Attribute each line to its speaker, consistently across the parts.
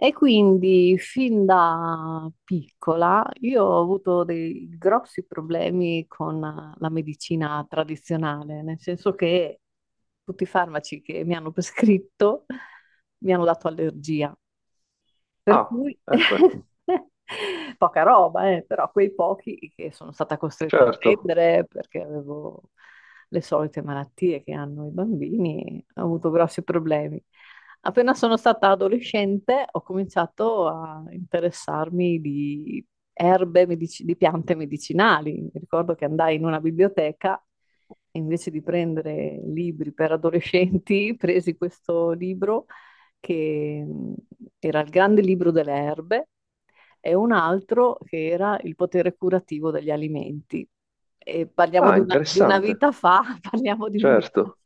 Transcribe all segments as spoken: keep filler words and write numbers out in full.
Speaker 1: E quindi fin da piccola io ho avuto dei grossi problemi con la medicina tradizionale, nel senso che tutti i farmaci che mi hanno prescritto mi hanno dato allergia. Per
Speaker 2: Ah,
Speaker 1: cui
Speaker 2: ecco,
Speaker 1: poca roba, eh, però quei pochi che sono stata costretta a
Speaker 2: certo.
Speaker 1: prendere perché avevo le solite malattie che hanno i bambini, ho avuto grossi problemi. Appena sono stata adolescente ho cominciato a interessarmi di erbe, medici- di piante medicinali. Mi ricordo che andai in una biblioteca e invece di prendere libri per adolescenti, presi questo libro che mh, era il Grande Libro delle Erbe e un altro che era Il potere curativo degli alimenti. E parliamo
Speaker 2: Ah,
Speaker 1: di una, di una
Speaker 2: interessante,
Speaker 1: vita fa, parliamo di una vita
Speaker 2: certo.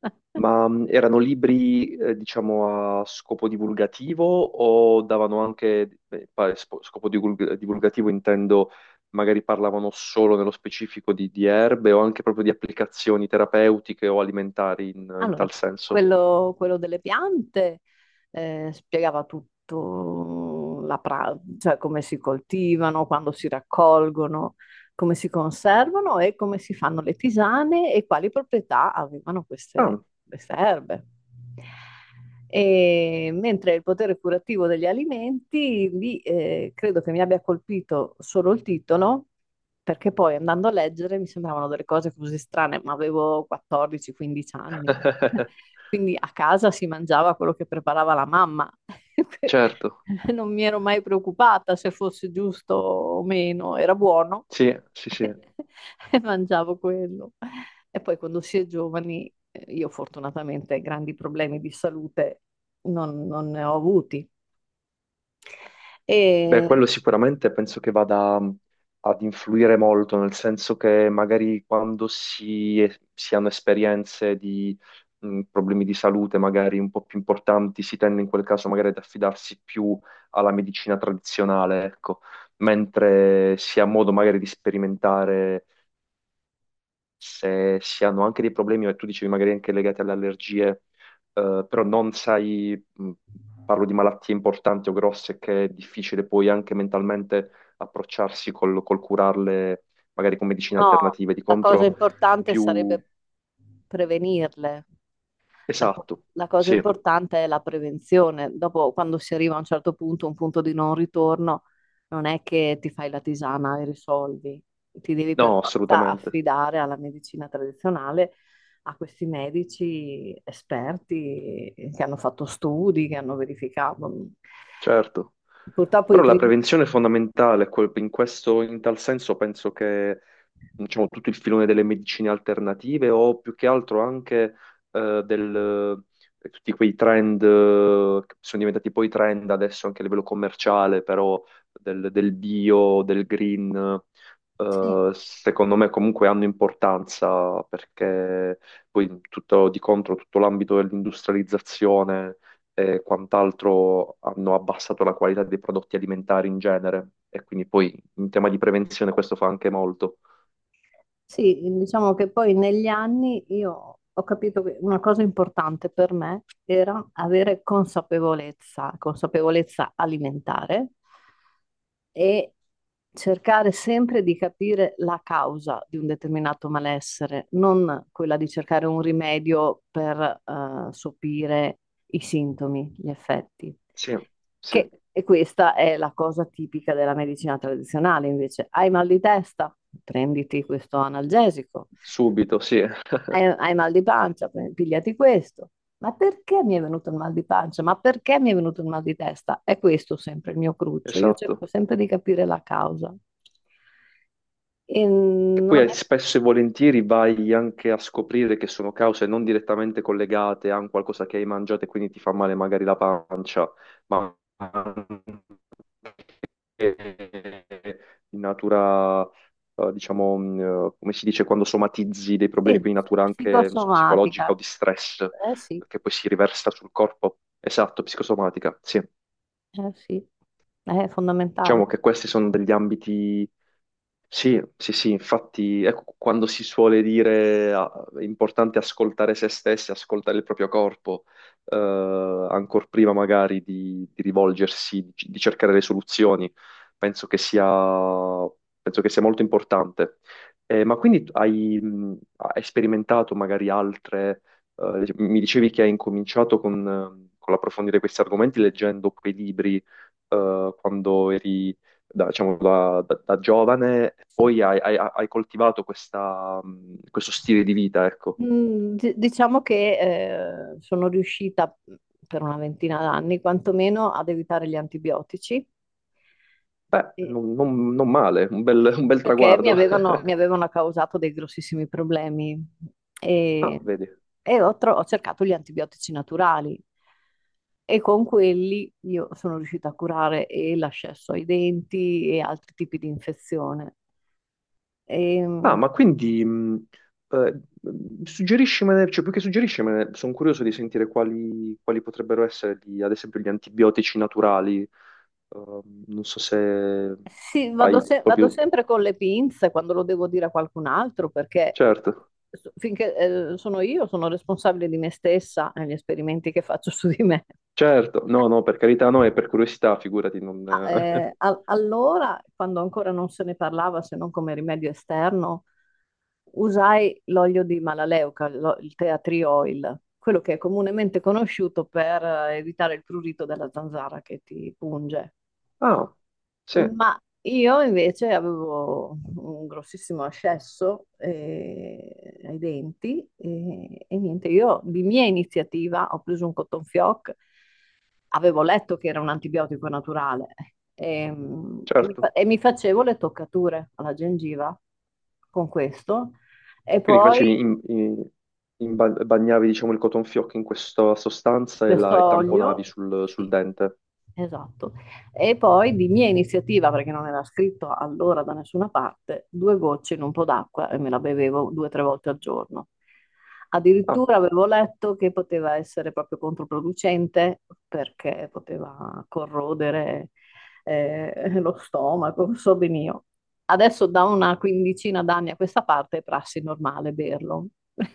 Speaker 1: fa.
Speaker 2: Ma mh, erano libri, eh, diciamo, a scopo divulgativo o davano anche, eh, pa- spo- scopo divulg- divulgativo intendo, magari parlavano solo nello specifico di, di erbe o anche proprio di applicazioni terapeutiche o alimentari in, in
Speaker 1: Allora,
Speaker 2: tal senso?
Speaker 1: quello, quello delle piante eh, spiegava tutto, la pra- cioè come si coltivano, quando si raccolgono, come si conservano e come si fanno le tisane e quali proprietà avevano queste,
Speaker 2: Ah,
Speaker 1: queste erbe. E mentre il potere curativo degli alimenti, lì eh, credo che mi abbia colpito solo il titolo, perché poi andando a leggere mi sembravano delle cose così strane, ma avevo quattordici quindici anni. eh. Quindi a casa si mangiava quello che preparava la mamma.
Speaker 2: certo,
Speaker 1: Non mi ero mai preoccupata se fosse giusto o meno, era buono.
Speaker 2: sì, sì, sì.
Speaker 1: e mangiavo quello. E poi quando si è giovani, eh, io fortunatamente grandi problemi di salute non, non ne ho avuti.
Speaker 2: Beh,
Speaker 1: E
Speaker 2: quello sicuramente penso che vada mh, ad influire molto, nel senso che magari quando si, si hanno esperienze di mh, problemi di salute magari un po' più importanti, si tende in quel caso magari ad affidarsi più alla medicina tradizionale, ecco, mentre si ha modo magari di sperimentare se si hanno anche dei problemi, e tu dicevi magari anche legati alle allergie, eh, però non sai, mh, parlo di malattie importanti o grosse, che è difficile poi anche mentalmente approcciarsi col, col curarle, magari con medicine
Speaker 1: no,
Speaker 2: alternative, di
Speaker 1: la cosa
Speaker 2: contro
Speaker 1: importante
Speaker 2: più...
Speaker 1: sarebbe prevenirle. La, co-
Speaker 2: Esatto,
Speaker 1: la cosa
Speaker 2: sì,
Speaker 1: importante è la prevenzione. Dopo, quando si arriva a un certo punto, un punto di non ritorno, non è che ti fai la tisana e risolvi. Ti devi per
Speaker 2: no,
Speaker 1: forza
Speaker 2: assolutamente,
Speaker 1: affidare alla medicina tradizionale, a questi medici esperti che hanno fatto studi, che hanno verificato.
Speaker 2: certo.
Speaker 1: Purtroppo i
Speaker 2: Però la
Speaker 1: primi...
Speaker 2: prevenzione è fondamentale, quel- in questo, in tal senso penso che diciamo, tutto il filone delle medicine alternative o più che altro anche eh, del, eh, tutti quei trend eh, che sono diventati poi trend adesso anche a livello commerciale, però del, del bio, del green,
Speaker 1: Sì.
Speaker 2: eh, secondo me comunque hanno importanza perché poi tutto di contro tutto l'ambito dell'industrializzazione e quant'altro hanno abbassato la qualità dei prodotti alimentari in genere e quindi poi in tema di prevenzione questo fa anche molto.
Speaker 1: Sì, diciamo che poi negli anni io ho capito che una cosa importante per me era avere consapevolezza, consapevolezza alimentare e cercare sempre di capire la causa di un determinato malessere, non quella di cercare un rimedio per eh, sopire i sintomi, gli effetti.
Speaker 2: Sì, sì,
Speaker 1: Che, e questa è la cosa tipica della medicina tradizionale, invece. Hai mal di testa? Prenditi questo analgesico.
Speaker 2: subito, sì,
Speaker 1: Hai, hai mal di pancia? Pre- Pigliati questo. Ma perché mi è venuto il mal di pancia? Ma perché mi è venuto il mal di testa? È questo sempre il mio cruccio. Io cerco
Speaker 2: esatto.
Speaker 1: sempre di capire la causa. E
Speaker 2: E poi
Speaker 1: non
Speaker 2: eh,
Speaker 1: è.
Speaker 2: spesso e volentieri vai anche a scoprire che sono cause non direttamente collegate a un qualcosa che hai mangiato e quindi ti fa male magari la pancia, ma anche in natura, eh, diciamo, mh, eh, come si dice, quando somatizzi dei problemi,
Speaker 1: Sì,
Speaker 2: quindi in natura anche, non so, psicologica o
Speaker 1: psicosomatica.
Speaker 2: di stress,
Speaker 1: Eh sì,
Speaker 2: che poi si riversa sul corpo. Esatto, psicosomatica, sì.
Speaker 1: eh sì, è fondamentale.
Speaker 2: Diciamo che questi sono degli ambiti. Sì, sì, sì, infatti, ecco, quando si suole dire ah, è importante ascoltare se stessi, ascoltare il proprio corpo, eh, ancor prima magari di, di rivolgersi, di, di cercare le soluzioni, penso che sia, penso che sia molto importante. Eh, ma quindi tu hai, mh, hai sperimentato magari altre, eh, mi dicevi che hai incominciato con, eh, con l'approfondire questi argomenti leggendo quei libri, eh, quando eri da, diciamo, da- da- da giovane,
Speaker 1: Sì.
Speaker 2: poi hai, hai- hai coltivato questa, mh, questo stile di vita, ecco.
Speaker 1: Mm, di- Diciamo che eh, sono riuscita mh, per una ventina d'anni quantomeno ad evitare gli antibiotici
Speaker 2: Beh,
Speaker 1: eh,
Speaker 2: non, non- non male, un bel, un bel
Speaker 1: perché mi
Speaker 2: traguardo.
Speaker 1: avevano, mi avevano causato dei grossissimi problemi
Speaker 2: Ah,
Speaker 1: e,
Speaker 2: vedi.
Speaker 1: e ho, tro- ho cercato gli antibiotici naturali e con quelli io sono riuscita a curare e l'ascesso ai denti e altri tipi di infezione. E,
Speaker 2: Ah, ma quindi, mh, eh, mm, suggeriscimene, cioè più che suggeriscimene, sono curioso di sentire quali, quali potrebbero essere, gli- ad esempio, gli antibiotici naturali. Ehm, non so se
Speaker 1: Sì, vado,
Speaker 2: hai
Speaker 1: se- vado
Speaker 2: proprio...
Speaker 1: sempre con le pinze quando lo devo dire a qualcun altro perché
Speaker 2: Certo,
Speaker 1: so- finché eh, sono io sono responsabile di me stessa e gli esperimenti che faccio su di me.
Speaker 2: certo. No, no, per carità, no, è per curiosità, figurati, non...
Speaker 1: Ma, eh, a- allora, quando ancora non se ne parlava se non come rimedio esterno, usai l'olio di Malaleuca, lo- il tea tree oil, quello che è comunemente conosciuto per eh, evitare il prurito della zanzara che ti punge.
Speaker 2: Ah, sì.
Speaker 1: Ma io invece avevo un grossissimo ascesso eh, ai denti e, e niente, io di mia iniziativa ho preso un cotton fioc, avevo letto che era un antibiotico naturale e, mm, e mi,
Speaker 2: Certo,
Speaker 1: fa- e mi facevo le toccature alla gengiva con questo e Mm.
Speaker 2: quindi
Speaker 1: poi
Speaker 2: facevi in, in- in ba- bagnavi diciamo il cotton fioc in questa sostanza e,
Speaker 1: questo
Speaker 2: la, e tamponavi
Speaker 1: olio,
Speaker 2: sul, sul
Speaker 1: sì,
Speaker 2: dente.
Speaker 1: esatto, e poi di mia iniziativa, perché non era scritto allora da nessuna parte, due gocce in un po' d'acqua e me la bevevo due o tre volte al giorno.
Speaker 2: Ah,
Speaker 1: Addirittura avevo letto che poteva essere proprio controproducente perché poteva corrodere eh, lo stomaco, so ben io. Adesso da una quindicina d'anni a questa parte è prassi normale berlo.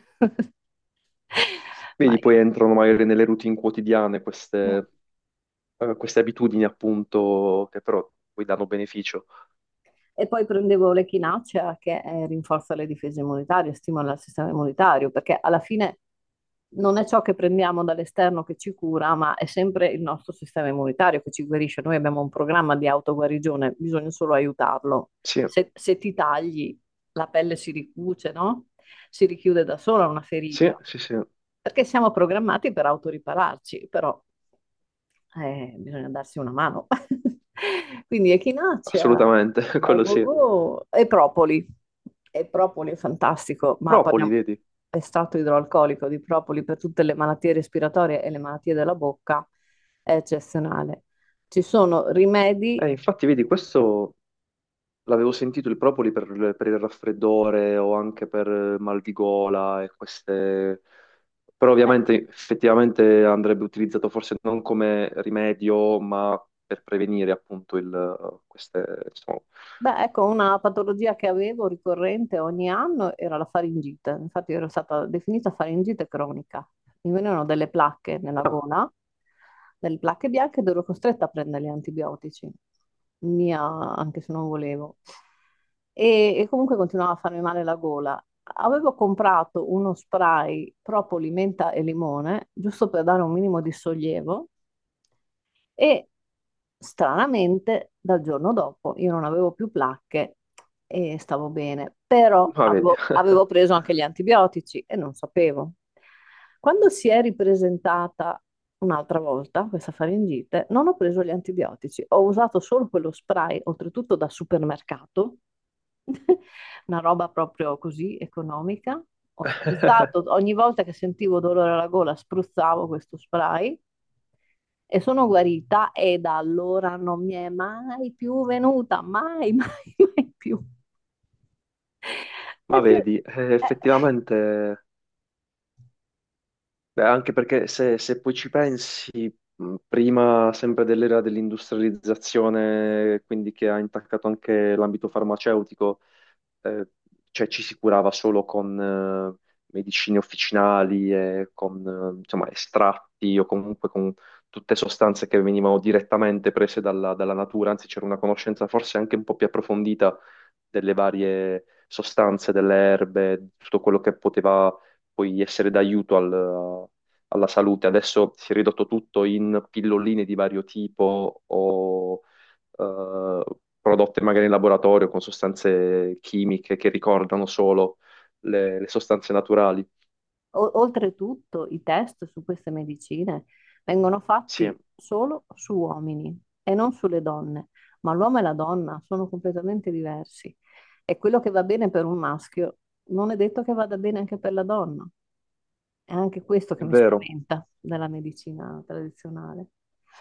Speaker 1: Ma
Speaker 2: vedi,
Speaker 1: io...
Speaker 2: poi entrano magari nelle routine quotidiane
Speaker 1: mm,
Speaker 2: queste, eh, queste abitudini appunto che però poi danno beneficio.
Speaker 1: E poi prendevo l'echinacea che eh, rinforza le difese immunitarie, stimola il sistema immunitario, perché alla fine non è ciò che prendiamo dall'esterno che ci cura, ma è sempre il nostro sistema immunitario che ci guarisce. Noi abbiamo un programma di autoguarigione, bisogna solo aiutarlo.
Speaker 2: Sì,
Speaker 1: Se, se ti tagli, la pelle si ricuce, no? Si richiude da sola una
Speaker 2: sì,
Speaker 1: ferita,
Speaker 2: sì, sì,
Speaker 1: perché siamo programmati per autoripararci, però eh, bisogna darsi una mano. Quindi echinacea,
Speaker 2: assolutamente,
Speaker 1: al
Speaker 2: quello sì.
Speaker 1: go-go e propoli. E propoli è fantastico, ma
Speaker 2: Propoli,
Speaker 1: parliamo
Speaker 2: vedi?
Speaker 1: estratto idroalcolico di propoli per tutte le malattie respiratorie e le malattie della bocca è eccezionale. Ci sono rimedi,
Speaker 2: Eh, infatti, vedi, questo l'avevo sentito, il propoli per, per il raffreddore o anche per mal di gola e queste... Però
Speaker 1: eh,
Speaker 2: ovviamente effettivamente andrebbe utilizzato forse non come rimedio, ma per prevenire appunto il, queste... Insomma...
Speaker 1: Beh, ecco, una patologia che avevo ricorrente ogni anno era la faringite. Infatti ero stata definita faringite cronica. Mi venivano delle placche nella
Speaker 2: Ah,
Speaker 1: gola, delle placche bianche ed ero costretta a prendere gli antibiotici. Mia, anche se non volevo. E, e comunque continuava a farmi male la gola. Avevo comprato uno spray propoli, menta e limone, giusto per dare un minimo di sollievo. E stranamente, dal giorno dopo io non avevo più placche e stavo bene, però
Speaker 2: ma vedi,
Speaker 1: avevo, avevo preso anche gli antibiotici e non sapevo. Quando si è ripresentata un'altra volta questa faringite, non ho preso gli antibiotici, ho usato solo quello spray, oltretutto da supermercato, una roba proprio così economica. Ho spruzzato, ogni volta che sentivo dolore alla gola, spruzzavo questo spray e sono guarita e da allora non mi è mai più venuta, mai, mai, mai più.
Speaker 2: ma
Speaker 1: Perché,
Speaker 2: vedi, eh,
Speaker 1: eh,
Speaker 2: effettivamente, beh, anche perché se, se poi ci pensi, mh, prima sempre dell'era dell'industrializzazione, quindi che ha intaccato anche l'ambito farmaceutico, eh, cioè ci si curava solo con eh, medicine officinali e con eh, insomma, estratti o comunque con tutte sostanze che venivano direttamente prese dalla, dalla natura, anzi c'era una conoscenza forse anche un po' più approfondita delle varie sostanze, delle erbe, di tutto quello che poteva poi essere d'aiuto al- alla salute. Adesso si è ridotto tutto in pilloline di vario tipo o eh, prodotte magari in laboratorio con sostanze chimiche che ricordano solo le, le sostanze naturali.
Speaker 1: o- oltretutto i test su queste medicine vengono
Speaker 2: Sì, è
Speaker 1: fatti solo su uomini e non sulle donne, ma l'uomo e la donna sono completamente diversi e quello che va bene per un maschio non è detto che vada bene anche per la donna. È anche questo che mi
Speaker 2: vero.
Speaker 1: spaventa della medicina tradizionale.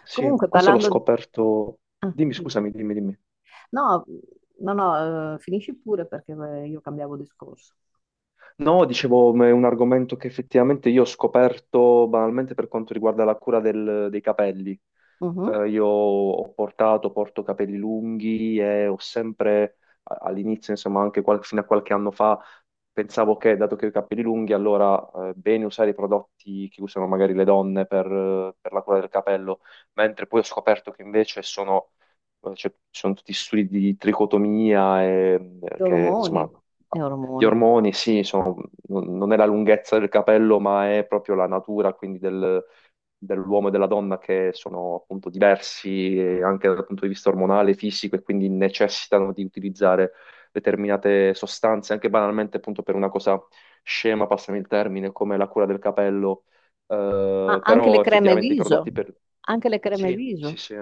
Speaker 2: Sì,
Speaker 1: Comunque,
Speaker 2: questo l'ho
Speaker 1: parlando,
Speaker 2: scoperto.
Speaker 1: ah,
Speaker 2: Dimmi,
Speaker 1: dimmi.
Speaker 2: scusami, dimmi, dimmi.
Speaker 1: No, no, no, eh, finisci pure perché eh, io cambiavo discorso.
Speaker 2: No, dicevo, ma è un argomento che effettivamente io ho scoperto banalmente per quanto riguarda la cura del- dei capelli.
Speaker 1: Mhm.
Speaker 2: Eh, io ho portato, porto capelli lunghi e ho sempre a- all'inizio, insomma, anche qual- fino a qualche anno fa pensavo che, dato che ho i capelli lunghi, allora eh, bene usare i prodotti che usano magari le donne per, eh, per la cura del capello, mentre poi ho scoperto che invece sono, eh, cioè, ci sono tutti studi di tricotomia e
Speaker 1: Gli
Speaker 2: eh, che, insomma,
Speaker 1: ormoni, gli
Speaker 2: gli
Speaker 1: ormoni.
Speaker 2: ormoni, sì, sono- non non è la lunghezza del capello, ma è proprio la natura, quindi del, dell'uomo e della donna che sono appunto diversi eh, anche dal punto di vista ormonale, fisico, e quindi necessitano di utilizzare determinate sostanze, anche banalmente appunto per una cosa scema, passami il termine, come la cura del capello,
Speaker 1: Ah,
Speaker 2: eh,
Speaker 1: anche le
Speaker 2: però
Speaker 1: creme
Speaker 2: effettivamente i
Speaker 1: viso,
Speaker 2: prodotti per...
Speaker 1: anche le creme
Speaker 2: Sì, sì,
Speaker 1: viso.
Speaker 2: sì,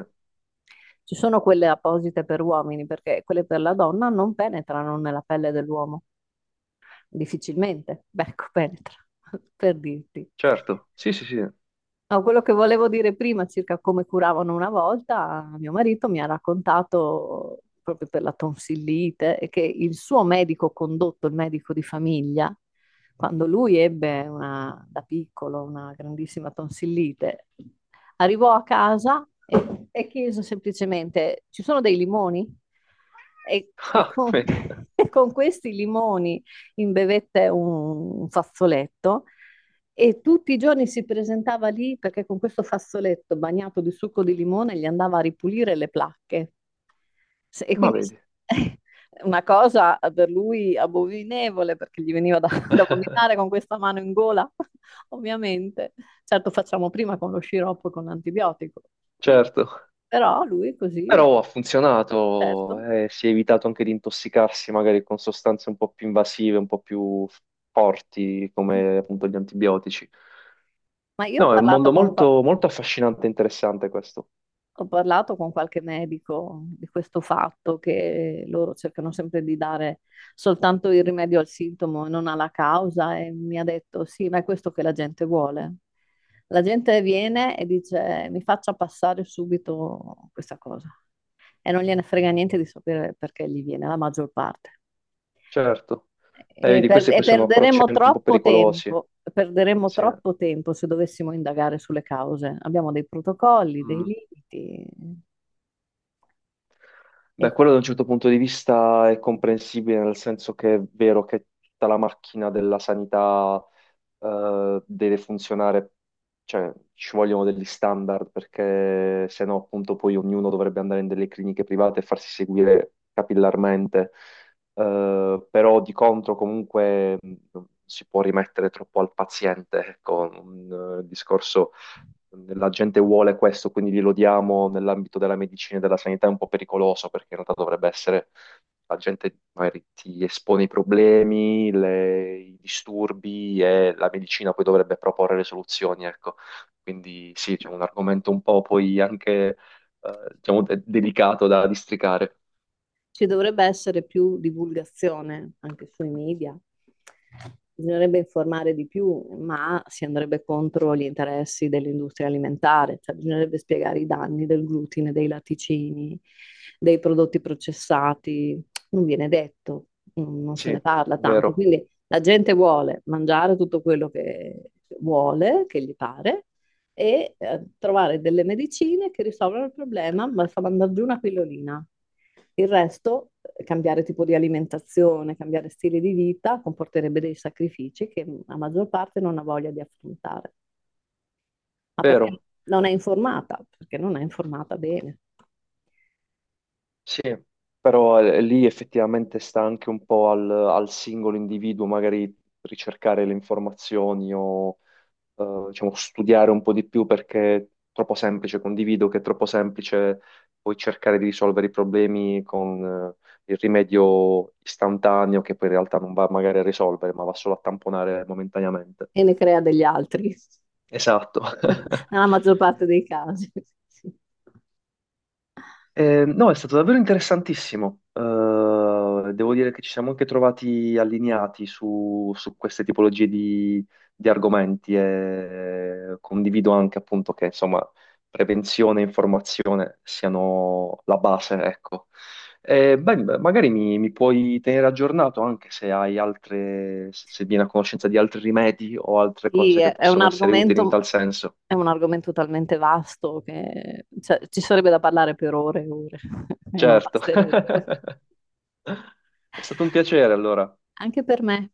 Speaker 1: Ci sono quelle apposite per uomini perché quelle per la donna non penetrano nella pelle dell'uomo, difficilmente. Beh, ecco, penetra, per dirti.
Speaker 2: certo, sì, sì, sì.
Speaker 1: No, quello che volevo dire prima circa come curavano una volta, mio marito mi ha raccontato proprio per la tonsillite e che il suo medico condotto, il medico di famiglia, quando lui ebbe una- da piccolo una grandissima tonsillite, arrivò a casa e, e chiese semplicemente: ci sono dei limoni? E, e
Speaker 2: Ah,
Speaker 1: con,
Speaker 2: vedi,
Speaker 1: e con questi limoni imbevette un, un fazzoletto. E tutti i giorni si presentava lì perché con questo fazzoletto bagnato di succo di limone gli andava a ripulire le placche. Se- E
Speaker 2: ma
Speaker 1: quindi
Speaker 2: vedi,
Speaker 1: una cosa per lui abominevole perché gli veniva da, da vomitare con questa mano in gola ovviamente. Certo, facciamo prima con lo sciroppo e con l'antibiotico,
Speaker 2: certo.
Speaker 1: però lui così,
Speaker 2: Però ha funzionato,
Speaker 1: certo.
Speaker 2: eh, si è evitato anche di intossicarsi magari con sostanze un po' più invasive, un po' più forti, come appunto gli antibiotici.
Speaker 1: Ma io ho
Speaker 2: No, è un
Speaker 1: parlato
Speaker 2: mondo
Speaker 1: con, qua-
Speaker 2: molto, molto affascinante e interessante questo.
Speaker 1: ho parlato con qualche medico di questo fatto, che loro cercano sempre di dare soltanto il rimedio al sintomo e non alla causa, e mi ha detto: sì, ma è questo che la gente vuole. La gente viene e dice: mi faccia passare subito questa cosa. E non gliene frega niente di sapere perché gli viene la maggior parte.
Speaker 2: Certo. Eh,
Speaker 1: E,
Speaker 2: vedi,
Speaker 1: per-
Speaker 2: questi
Speaker 1: e
Speaker 2: poi sono approcci
Speaker 1: perderemo
Speaker 2: anche un po'
Speaker 1: troppo
Speaker 2: pericolosi.
Speaker 1: tempo, perderemo
Speaker 2: Sì.
Speaker 1: troppo tempo se dovessimo indagare sulle cause. Abbiamo dei protocolli, dei
Speaker 2: Mm.
Speaker 1: limiti. E
Speaker 2: Beh, quello da un certo punto di vista è comprensibile, nel senso che è vero che tutta la macchina della sanità eh, deve funzionare, cioè ci vogliono degli standard, perché se no appunto poi ognuno dovrebbe andare in delle cliniche private e farsi seguire capillarmente. Eh, però di contro comunque mh, non si può rimettere troppo al paziente, ecco, un eh, discorso la gente vuole questo, quindi glielo diamo nell'ambito della medicina e della sanità, è un po' pericoloso perché in realtà dovrebbe essere, la gente magari ti espone i problemi, le- i disturbi e la medicina poi dovrebbe proporre le soluzioni, ecco. Quindi sì, c'è un argomento un po' poi anche, eh, diciamo, de- delicato da districare.
Speaker 1: Ci dovrebbe essere più divulgazione anche sui media. Bisognerebbe informare di più, ma si andrebbe contro gli interessi dell'industria alimentare, cioè bisognerebbe spiegare i danni del glutine, dei latticini, dei prodotti processati. Non viene detto, non non se
Speaker 2: Sì,
Speaker 1: ne parla tanto.
Speaker 2: vero,
Speaker 1: Quindi la gente vuole mangiare tutto quello che vuole, che gli pare, e eh, trovare delle medicine che risolvono il problema, ma fa mandare giù una pillolina. Il resto, cambiare tipo di alimentazione, cambiare stile di vita, comporterebbe dei sacrifici che la maggior parte non ha voglia di affrontare, ma perché
Speaker 2: vero.
Speaker 1: non è informata, perché non è informata bene
Speaker 2: Sì, però eh, lì effettivamente sta anche un po' al, al singolo individuo magari ricercare le informazioni o eh, diciamo, studiare un po' di più perché è troppo semplice, condivido che è troppo semplice poi cercare di risolvere i problemi con eh, il rimedio istantaneo che poi in realtà non va magari a risolvere, ma va solo a tamponare momentaneamente.
Speaker 1: e ne crea degli altri,
Speaker 2: Esatto.
Speaker 1: nella maggior parte dei casi.
Speaker 2: Eh, no, è stato davvero interessantissimo. Eh, devo dire che ci siamo anche trovati allineati su, su queste tipologie di, di argomenti e condivido anche appunto che insomma prevenzione e informazione siano la base, ecco. Eh, beh, magari mi, mi puoi tenere aggiornato anche se hai altre, se se vieni a conoscenza di altri rimedi o altre
Speaker 1: Sì,
Speaker 2: cose che
Speaker 1: è è un
Speaker 2: possono essere utili in
Speaker 1: argomento,
Speaker 2: tal senso.
Speaker 1: è un argomento talmente vasto che cioè, ci sarebbe da parlare per ore e ore e non
Speaker 2: Certo.
Speaker 1: basterebbero.
Speaker 2: È stato un piacere allora.
Speaker 1: Anche per me.